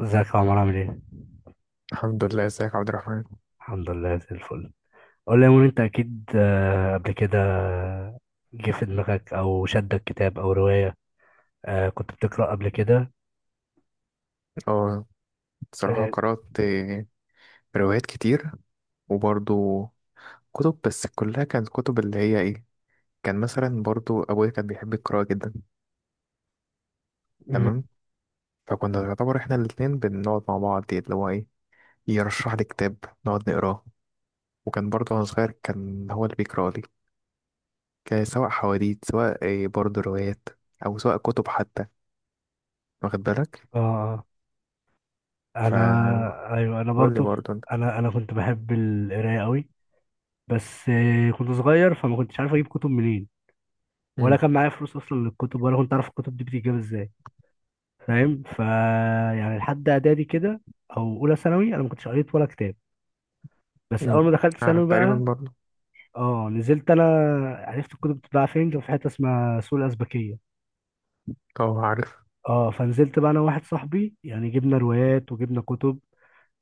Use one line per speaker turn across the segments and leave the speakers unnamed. ازيك يا عمر؟ عامل ايه؟
الحمد لله، ازيك يا عبد الرحمن.
الحمد لله زي الفل. قول لي يا مون، انت اكيد قبل كده جه في دماغك او شدك كتاب او رواية. كنت بتقرأ قبل كده؟
اه بصراحة
اه.
قرأت روايات كتير وبرضو كتب، بس كلها كانت كتب اللي هي ايه. كان مثلا برضو أبويا كان بيحب القراءة جدا.
مم.
تمام. فكنا يعتبر احنا الاتنين بنقعد مع بعض اللي هو ايه، يرشح لي كتاب نقعد نقراه. وكان برضو وأنا صغير كان هو اللي بيقرأ لي، كان سواء حواديت سواء إيه برضو روايات أو سواء كتب حتى، واخد بالك.
آه، انا
فقول
ايوه انا
لي
برضو.
برضو انت.
انا كنت بحب القراية قوي، بس كنت صغير فما كنتش عارف اجيب كتب منين، ولا
مم.
كان معايا فلوس اصلا للكتب، ولا كنت عارف الكتب دي بتتجاب ازاي. فاهم؟ يعني لحد اعدادي كده او اولى ثانوي انا ما كنتش قريت ولا كتاب. بس
مم.
اول ما دخلت ثانوي
تقريبا
بقى،
برضو.
اه، نزلت انا، عرفت الكتب بتتباع فين. كان في حته اسمها سوق الازبكيه.
اه عارف.
اه، فنزلت بقى انا وواحد صاحبي يعني، جبنا روايات وجبنا كتب،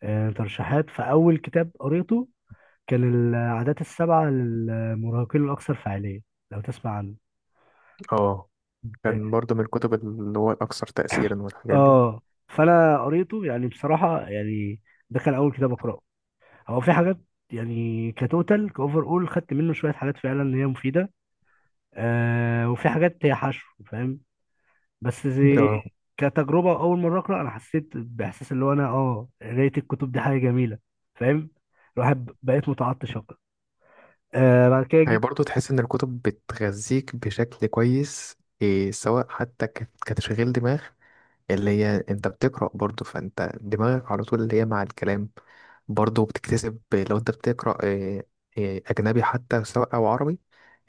آه، ترشيحات. فاول كتاب قريته كان العادات السبعه للمراهقين الاكثر فعاليه. لو تسمع عنه.
اه كان برضه من الكتب اللي هو الأكثر تأثيرا والحاجات دي.
اه، فانا قريته يعني، بصراحه يعني ده كان اول كتاب اقراه. هو في حاجات يعني، كتوتال كاوفر، اول خدت منه شويه حاجات فعلا هي مفيده، آه، وفي حاجات هي حشو. فاهم؟ بس زي
اه،
كتجربة أول مرة أقرأ، أنا حسيت بإحساس اللي هو أنا، أه، قراية الكتب دي حاجة جميلة. فاهم؟ الواحد بقيت متعطش أقرأ. آه، بعد كده
هي
جيت.
برضه تحس إن الكتب بتغذيك بشكل كويس، إيه سواء حتى كتشغيل دماغ، اللي هي أنت بتقرأ برضه فأنت دماغك على طول اللي هي مع الكلام. برضه بتكتسب لو أنت بتقرأ إيه، إيه أجنبي حتى سواء أو عربي،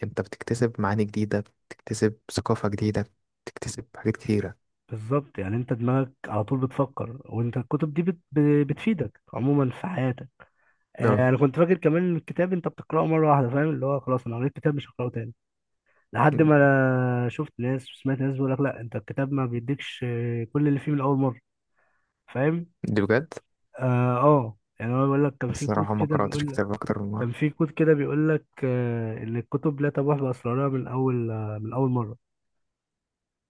أنت بتكتسب معاني جديدة، بتكتسب ثقافة جديدة، بتكتسب حاجات كتيرة.
بالظبط، يعني أنت دماغك على طول بتفكر، وأنت الكتب دي بتفيدك عموما في حياتك.
اه،
آه، أنا كنت فاكر كمان إن الكتاب أنت بتقرأه مرة واحدة. فاهم؟ اللي هو خلاص أنا قريت كتاب مش هقرأه تاني، لحد ما شفت ناس وسمعت ناس بيقول لك لا، أنت الكتاب ما بيديكش، كل اللي فيه من أول مرة. فاهم؟
دي بجد.
آه، يعني هو بيقول لك، كان
بس
في كود
الصراحة ما
كده
قرأتش
بيقول،
كتاب أكتر من
كان
مرة.
في كود كده بيقول لك، ان الكتب لا تبوح باسرارها من اول، من اول مره،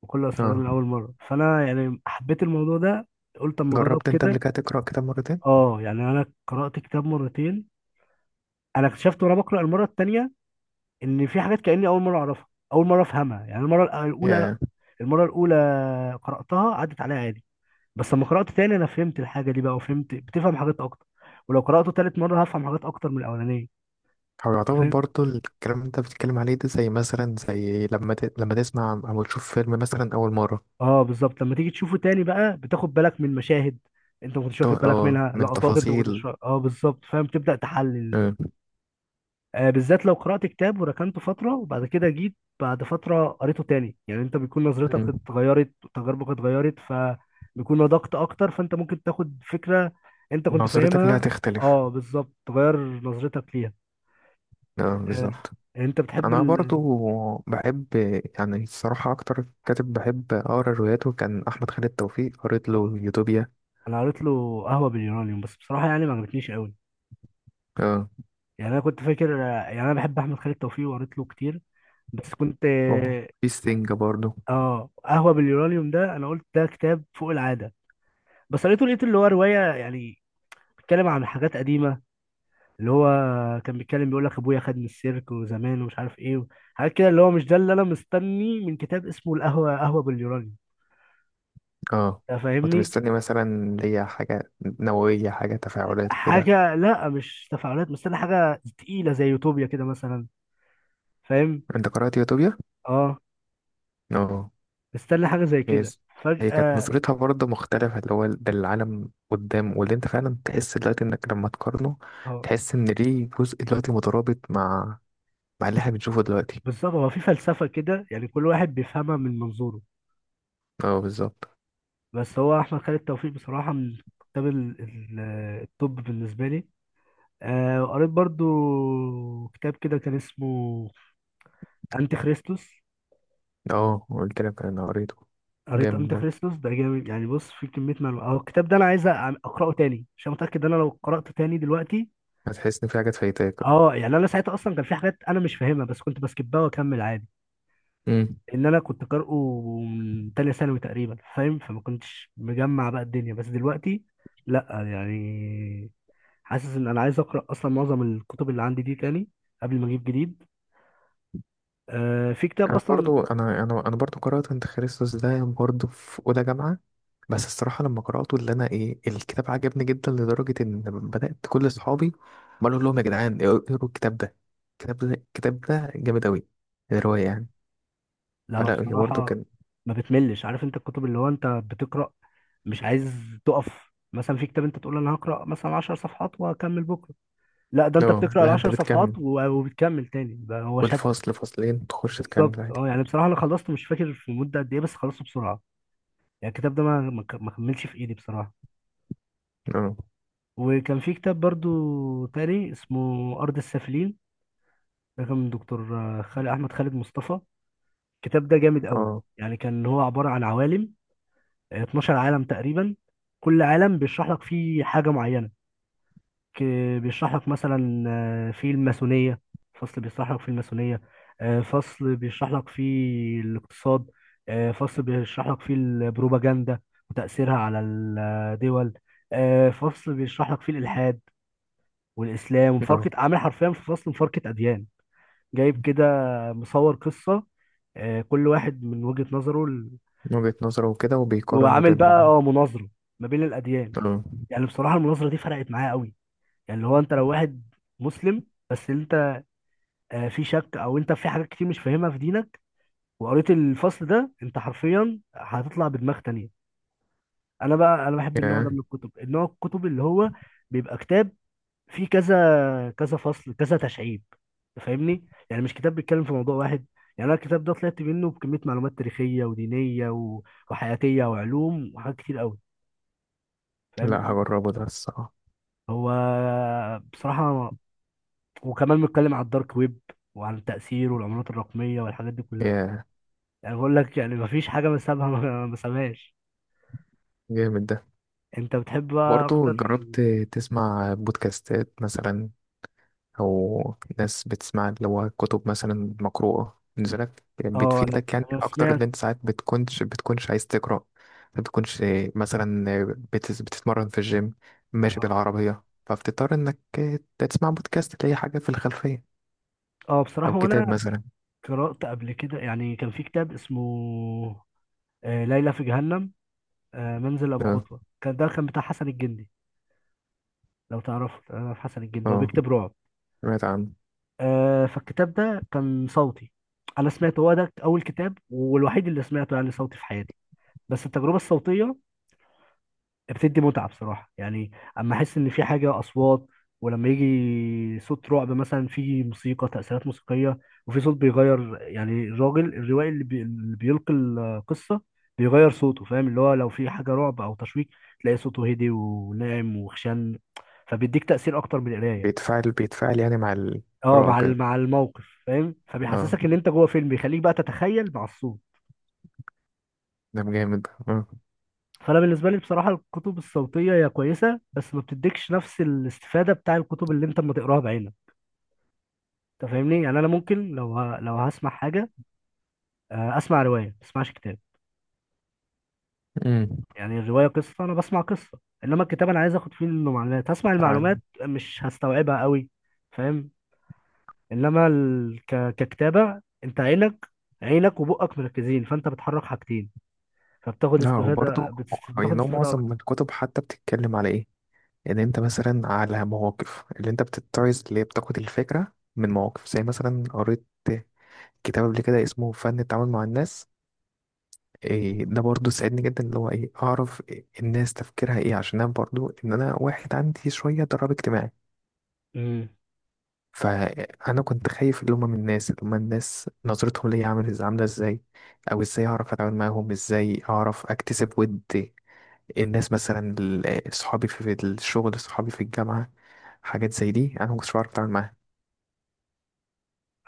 وكل اسرارها
اه.
من اول مره. فانا يعني حبيت الموضوع ده، قلت اما اجرب
جربت انت قبل
كده.
كده تقرأ كتاب مرتين؟
اه، يعني انا قرات كتاب مرتين. انا اكتشفت وانا بقرا المره التانيه ان في حاجات كاني اول مره اعرفها، اول مره افهمها. يعني المره الاولى،
ياه.
المره الاولى قراتها عدت عليها عادي، بس لما قرات تاني انا فهمت الحاجه دي بقى، وفهمت، بتفهم حاجات اكتر. ولو قراته تالت مره هفهم حاجات اكتر من الاولانيه.
هو يعتبر برضه الكلام اللي انت بتتكلم عليه ده زي مثلا زي لما لما تسمع او تشوف فيلم مثلا أول مرة.
اه بالظبط، لما تيجي تشوفه تاني بقى بتاخد بالك من مشاهد انت ما كنتش واخد بالك
اه
منها،
من
لقطات انت ما
تفاصيل.
كنتش اه بالظبط. فاهم؟ تبدا تحلل.
اه.
آه، بالذات لو قرات كتاب وركنته فتره، وبعد كده جيت بعد فتره قريته تاني، يعني انت بيكون نظرتك
مم.
اتغيرت وتجاربك اتغيرت، فبيكون نضجت اكتر، فانت ممكن تاخد فكره انت كنت
نظرتك ليها
فاهمها.
تختلف.
اه بالظبط، تغير نظرتك ليها.
اه
آه،
بالظبط.
انت بتحب
انا برضو
ال...
بحب، يعني الصراحة اكتر كاتب بحب اقرا رواياته كان احمد خالد توفيق، قريت له
آه،
يوتوبيا.
انا قريت له قهوه باليونانيوم، بس بصراحه يعني ما عجبتنيش قوي.
اه.
يعني انا كنت فاكر، يعني انا بحب احمد خالد توفيق وقريت له كتير، بس كنت،
اه في ستينج برضو.
اه، قهوه باليورانيوم ده انا قلت ده كتاب فوق العاده، بس قريته لقيت اللي هو روايه يعني، بيتكلم عن حاجات قديمه، اللي هو كان بيتكلم بيقول لك ابويا خدني السيرك وزمان ومش عارف ايه، حاجات كده. اللي هو مش ده اللي انا مستني من كتاب اسمه القهوه، قهوه باليورانيوم.
اه
أنت
كنت
فاهمني؟
مستني مثلا ليا حاجة نووية، حاجة تفاعلات وكده.
حاجه، لا مش تفاعلات، مستني حاجه تقيله زي يوتوبيا كده مثلا. فاهم؟
انت قرأت يوتوبيا؟
اه.
اه.
مستني حاجه زي
هي
كده
ز- هي كانت
فجاه.
نظرتها برضه مختلفة اللي هو ده العالم قدام، واللي انت فعلا تحس دلوقتي انك لما تقارنه
اه
تحس ان ليه جزء دلوقتي مترابط مع مع اللي احنا بنشوفه دلوقتي.
بالظبط، هو في فلسفة كده يعني، كل واحد بيفهمها من منظوره.
اه بالظبط.
بس هو أحمد خالد توفيق بصراحة، من كتاب ال- ال- الطب بالنسبة لي. آه، قريت برضو كتاب كده كان اسمه أنتي خريستوس.
اه قلت لك انا قريته.
قريت
جامد
أنتي
برضه.
خريستوس؟ ده جامد يعني. بص، في كمية معلومات أهو. الكتاب ده أنا عايز أقرأه تاني، عشان متأكد إن أنا لو قرأته تاني دلوقتي،
هتحس ان في حاجات فايتاك اه.
أه، يعني أنا ساعتها أصلا كان في حاجات أنا مش فاهمها، بس كنت بسكبها وأكمل عادي.
امم.
ان انا كنت قارئه من تانية ثانوي تقريبا. فاهم؟ فما كنتش مجمع بقى الدنيا. بس دلوقتي لا، يعني حاسس ان انا عايز اقرا اصلا معظم الكتب اللي عندي دي تاني قبل ما اجيب جديد. آه، في كتاب
انا
اصلا.
برضو انا انا انا برضو قرات انت خريستوس ده برضو في اولى جامعه. بس الصراحه لما قراته اللي انا ايه، الكتاب عجبني جدا لدرجه ان بدات كل اصحابي بقول لهم يا جدعان اقروا الكتاب ده، الكتاب ده جامد اوي، الروايه يعني.
لا هو
فلا هي برضو
بصراحه
كان.
ما بتملش. عارف؟ انت الكتب اللي هو انت بتقرا مش عايز تقف مثلا في كتاب، انت تقول انا هقرا مثلا 10 صفحات وهكمل بكره، لا ده انت
اه
بتقرا ال
لا انت
10
بتكمل،
صفحات وبتكمل تاني بقى، هو شدك.
والفصل فصلين تخش
بالظبط.
تكمل عادي.
اه يعني بصراحه انا خلصته مش فاكر في مده قد ايه، بس خلصته بسرعه. يعني الكتاب ده ما كملش في ايدي بصراحه.
اه
وكان في كتاب برضو تاني اسمه ارض السافلين، ده كان من دكتور، خالد، احمد خالد مصطفى. الكتاب ده جامد قوي.
اه
يعني كان هو عباره عن عوالم، 12 عالم تقريبا، كل عالم بيشرح لك فيه حاجه معينه. بيشرح لك مثلا، في الماسونية، فصل بيشرح لك في الماسونية، فصل بيشرح لك في الاقتصاد، فصل بيشرح لك في البروباجندا وتأثيرها على الدول، فصل بيشرح لك في الإلحاد والإسلام،
اه
ومفارقة، عامل حرفيا في فصل مفارقة أديان، جايب كده مصور قصة، كل واحد من وجهة نظره ال-،
من وجهه نظره وكده وبيقارن ما
وعامل
بينهم
بقى
يعني.
اه مناظرة ما بين الأديان.
اه.
يعني بصراحة المناظرة دي فرقت معايا قوي. يعني اللي هو أنت لو واحد مسلم، بس انت في شك، او انت في حاجات كتير مش فاهمها في دينك، وقريت الفصل ده، انت حرفيا هتطلع بدماغ تانية. انا بقى انا بحب النوع ده
ياه.
من الكتب، النوع الكتب اللي هو بيبقى كتاب فيه كذا كذا فصل، كذا تشعيب. فاهمني؟ يعني مش كتاب بيتكلم في موضوع واحد. يعني انا الكتاب ده طلعت منه بكمية معلومات تاريخية ودينية وحياتية وعلوم وحاجات كتير قوي.
لا
فاهم؟
هجربه ده الصراحه.
هو بصراحة، وكمان بيتكلم على الدارك ويب، وعن تأثيره والعملات الرقمية والحاجات دي كلها.
ياه.
يعني بقول لك يعني مفيش حاجة بسابها ما سابهاش.
جامد ده.
انت بتحب بقى
برضه
اكتر
جربت
ال-،
تسمع بودكاستات مثلا، أو ناس بتسمع اللي هو كتب مثلا مقروءة بالنسبة لك
اه
بتفيدك يعني
انا
أكتر،
سمعت.
اللي أنت ساعات بتكونش عايز تقرأ، ما بتكونش مثلا بتتمرن في الجيم ماشي بالعربية فبتضطر إنك تسمع بودكاست تلاقي حاجة في الخلفية
اه
أو
بصراحة،
كتاب
وانا
مثلا.
قرأت قبل كده يعني، كان في كتاب اسمه، ليلى في جهنم، منزل ابو
اه.
خطوة، ده كان بتاع حسن الجندي. لو تعرفه انا، في حسن الجندي هو
اه
بيكتب رعب.
سمعت عنه.
فالكتاب ده كان صوتي، انا سمعته، هو ده اول كتاب والوحيد اللي سمعته يعني صوتي في حياتي. بس التجربة الصوتية بتدي متعة بصراحة. يعني اما احس ان في حاجة اصوات، ولما يجي صوت رعب مثلا، في موسيقى، تأثيرات موسيقية، وفي صوت بيغير، يعني الراجل الروائي اللي، اللي بيلقي القصة بيغير صوته. فاهم؟ اللي هو لو في حاجة رعب او تشويق، تلاقي صوته هدي وناعم وخشن، فبيديك تأثير اكتر من القراية.
بيتفاعل بيتفاعل يعني مع
اه،
القراءة
مع
وكده.
مع الموقف. فاهم؟
اه
فبيحسسك ان انت جوه فيلم، بيخليك بقى تتخيل مع الصوت.
ده جامد اه.
فانا بالنسبه لي بصراحه الكتب الصوتيه هي كويسه، بس ما بتديكش نفس الاستفاده بتاع الكتب اللي انت اما تقراها بعينك. انت فاهمني؟ يعني انا ممكن لو لو هسمع حاجه، اسمع روايه، ما اسمعش كتاب. يعني الروايه قصه، انا بسمع قصه. انما الكتاب انا عايز اخد فيه منه معلومات، هسمع
أمم.
المعلومات مش هستوعبها قوي. فاهم؟ انما ككتابه انت عينك، عينك وبقك مركزين، فانت بتحرك حاجتين، فبتاخد
لا هو
استفاده،
برضه
بتاخد
يعني هو
استفاده
معظم
اكتر.
الكتب حتى بتتكلم على ايه، ان انت مثلا على مواقف اللي انت بتتعظ اللي هي بتاخد الفكرة من مواقف، زي مثلا قريت كتاب قبل كده اسمه فن التعامل مع الناس، إيه ده برضه ساعدني جدا اللي هو ايه، اعرف إيه الناس تفكيرها ايه، عشان انا برضه ان انا واحد عندي شوية ضرر اجتماعي.
امم.
فانا كنت خايف اللي هما من الناس اللي هما الناس نظرتهم ليا عامل عامله ازاي، او ازاي اعرف اتعامل معاهم، ازاي اعرف اكتسب ود الناس، مثلا صحابي في في الشغل، صحابي في الجامعة، حاجات زي دي أنا ما كنتش بعرف أتعامل معاها.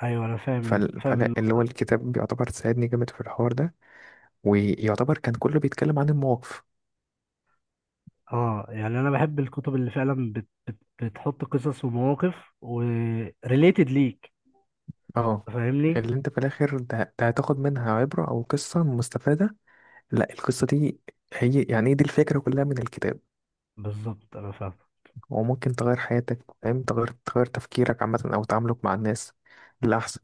ايوه انا فاهم فاهم
فلا اللي
النقطه
هو
دي.
الكتاب بيعتبر ساعدني جامد في الحوار ده، ويعتبر كان كله بيتكلم عن المواقف.
اه يعني انا بحب الكتب اللي فعلا بت بت بتحط قصص ومواقف وريليتد ليك.
اه،
فاهمني؟
اللي انت في الآخر ده، ده هتاخد منها عبرة أو قصة مستفادة. لا القصة دي هي يعني دي الفكرة كلها من الكتاب،
بالظبط انا فاهم.
وممكن تغير حياتك، فاهم، تغير تفكيرك عامة أو تعاملك مع الناس للأحسن.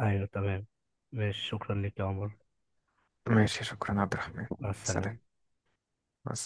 ايوه تمام. ماشي، شكرا ليك يا عمر.
ماشي، شكرا عبد الرحمن.
مع
سلام.
السلامة.
مع السلامة.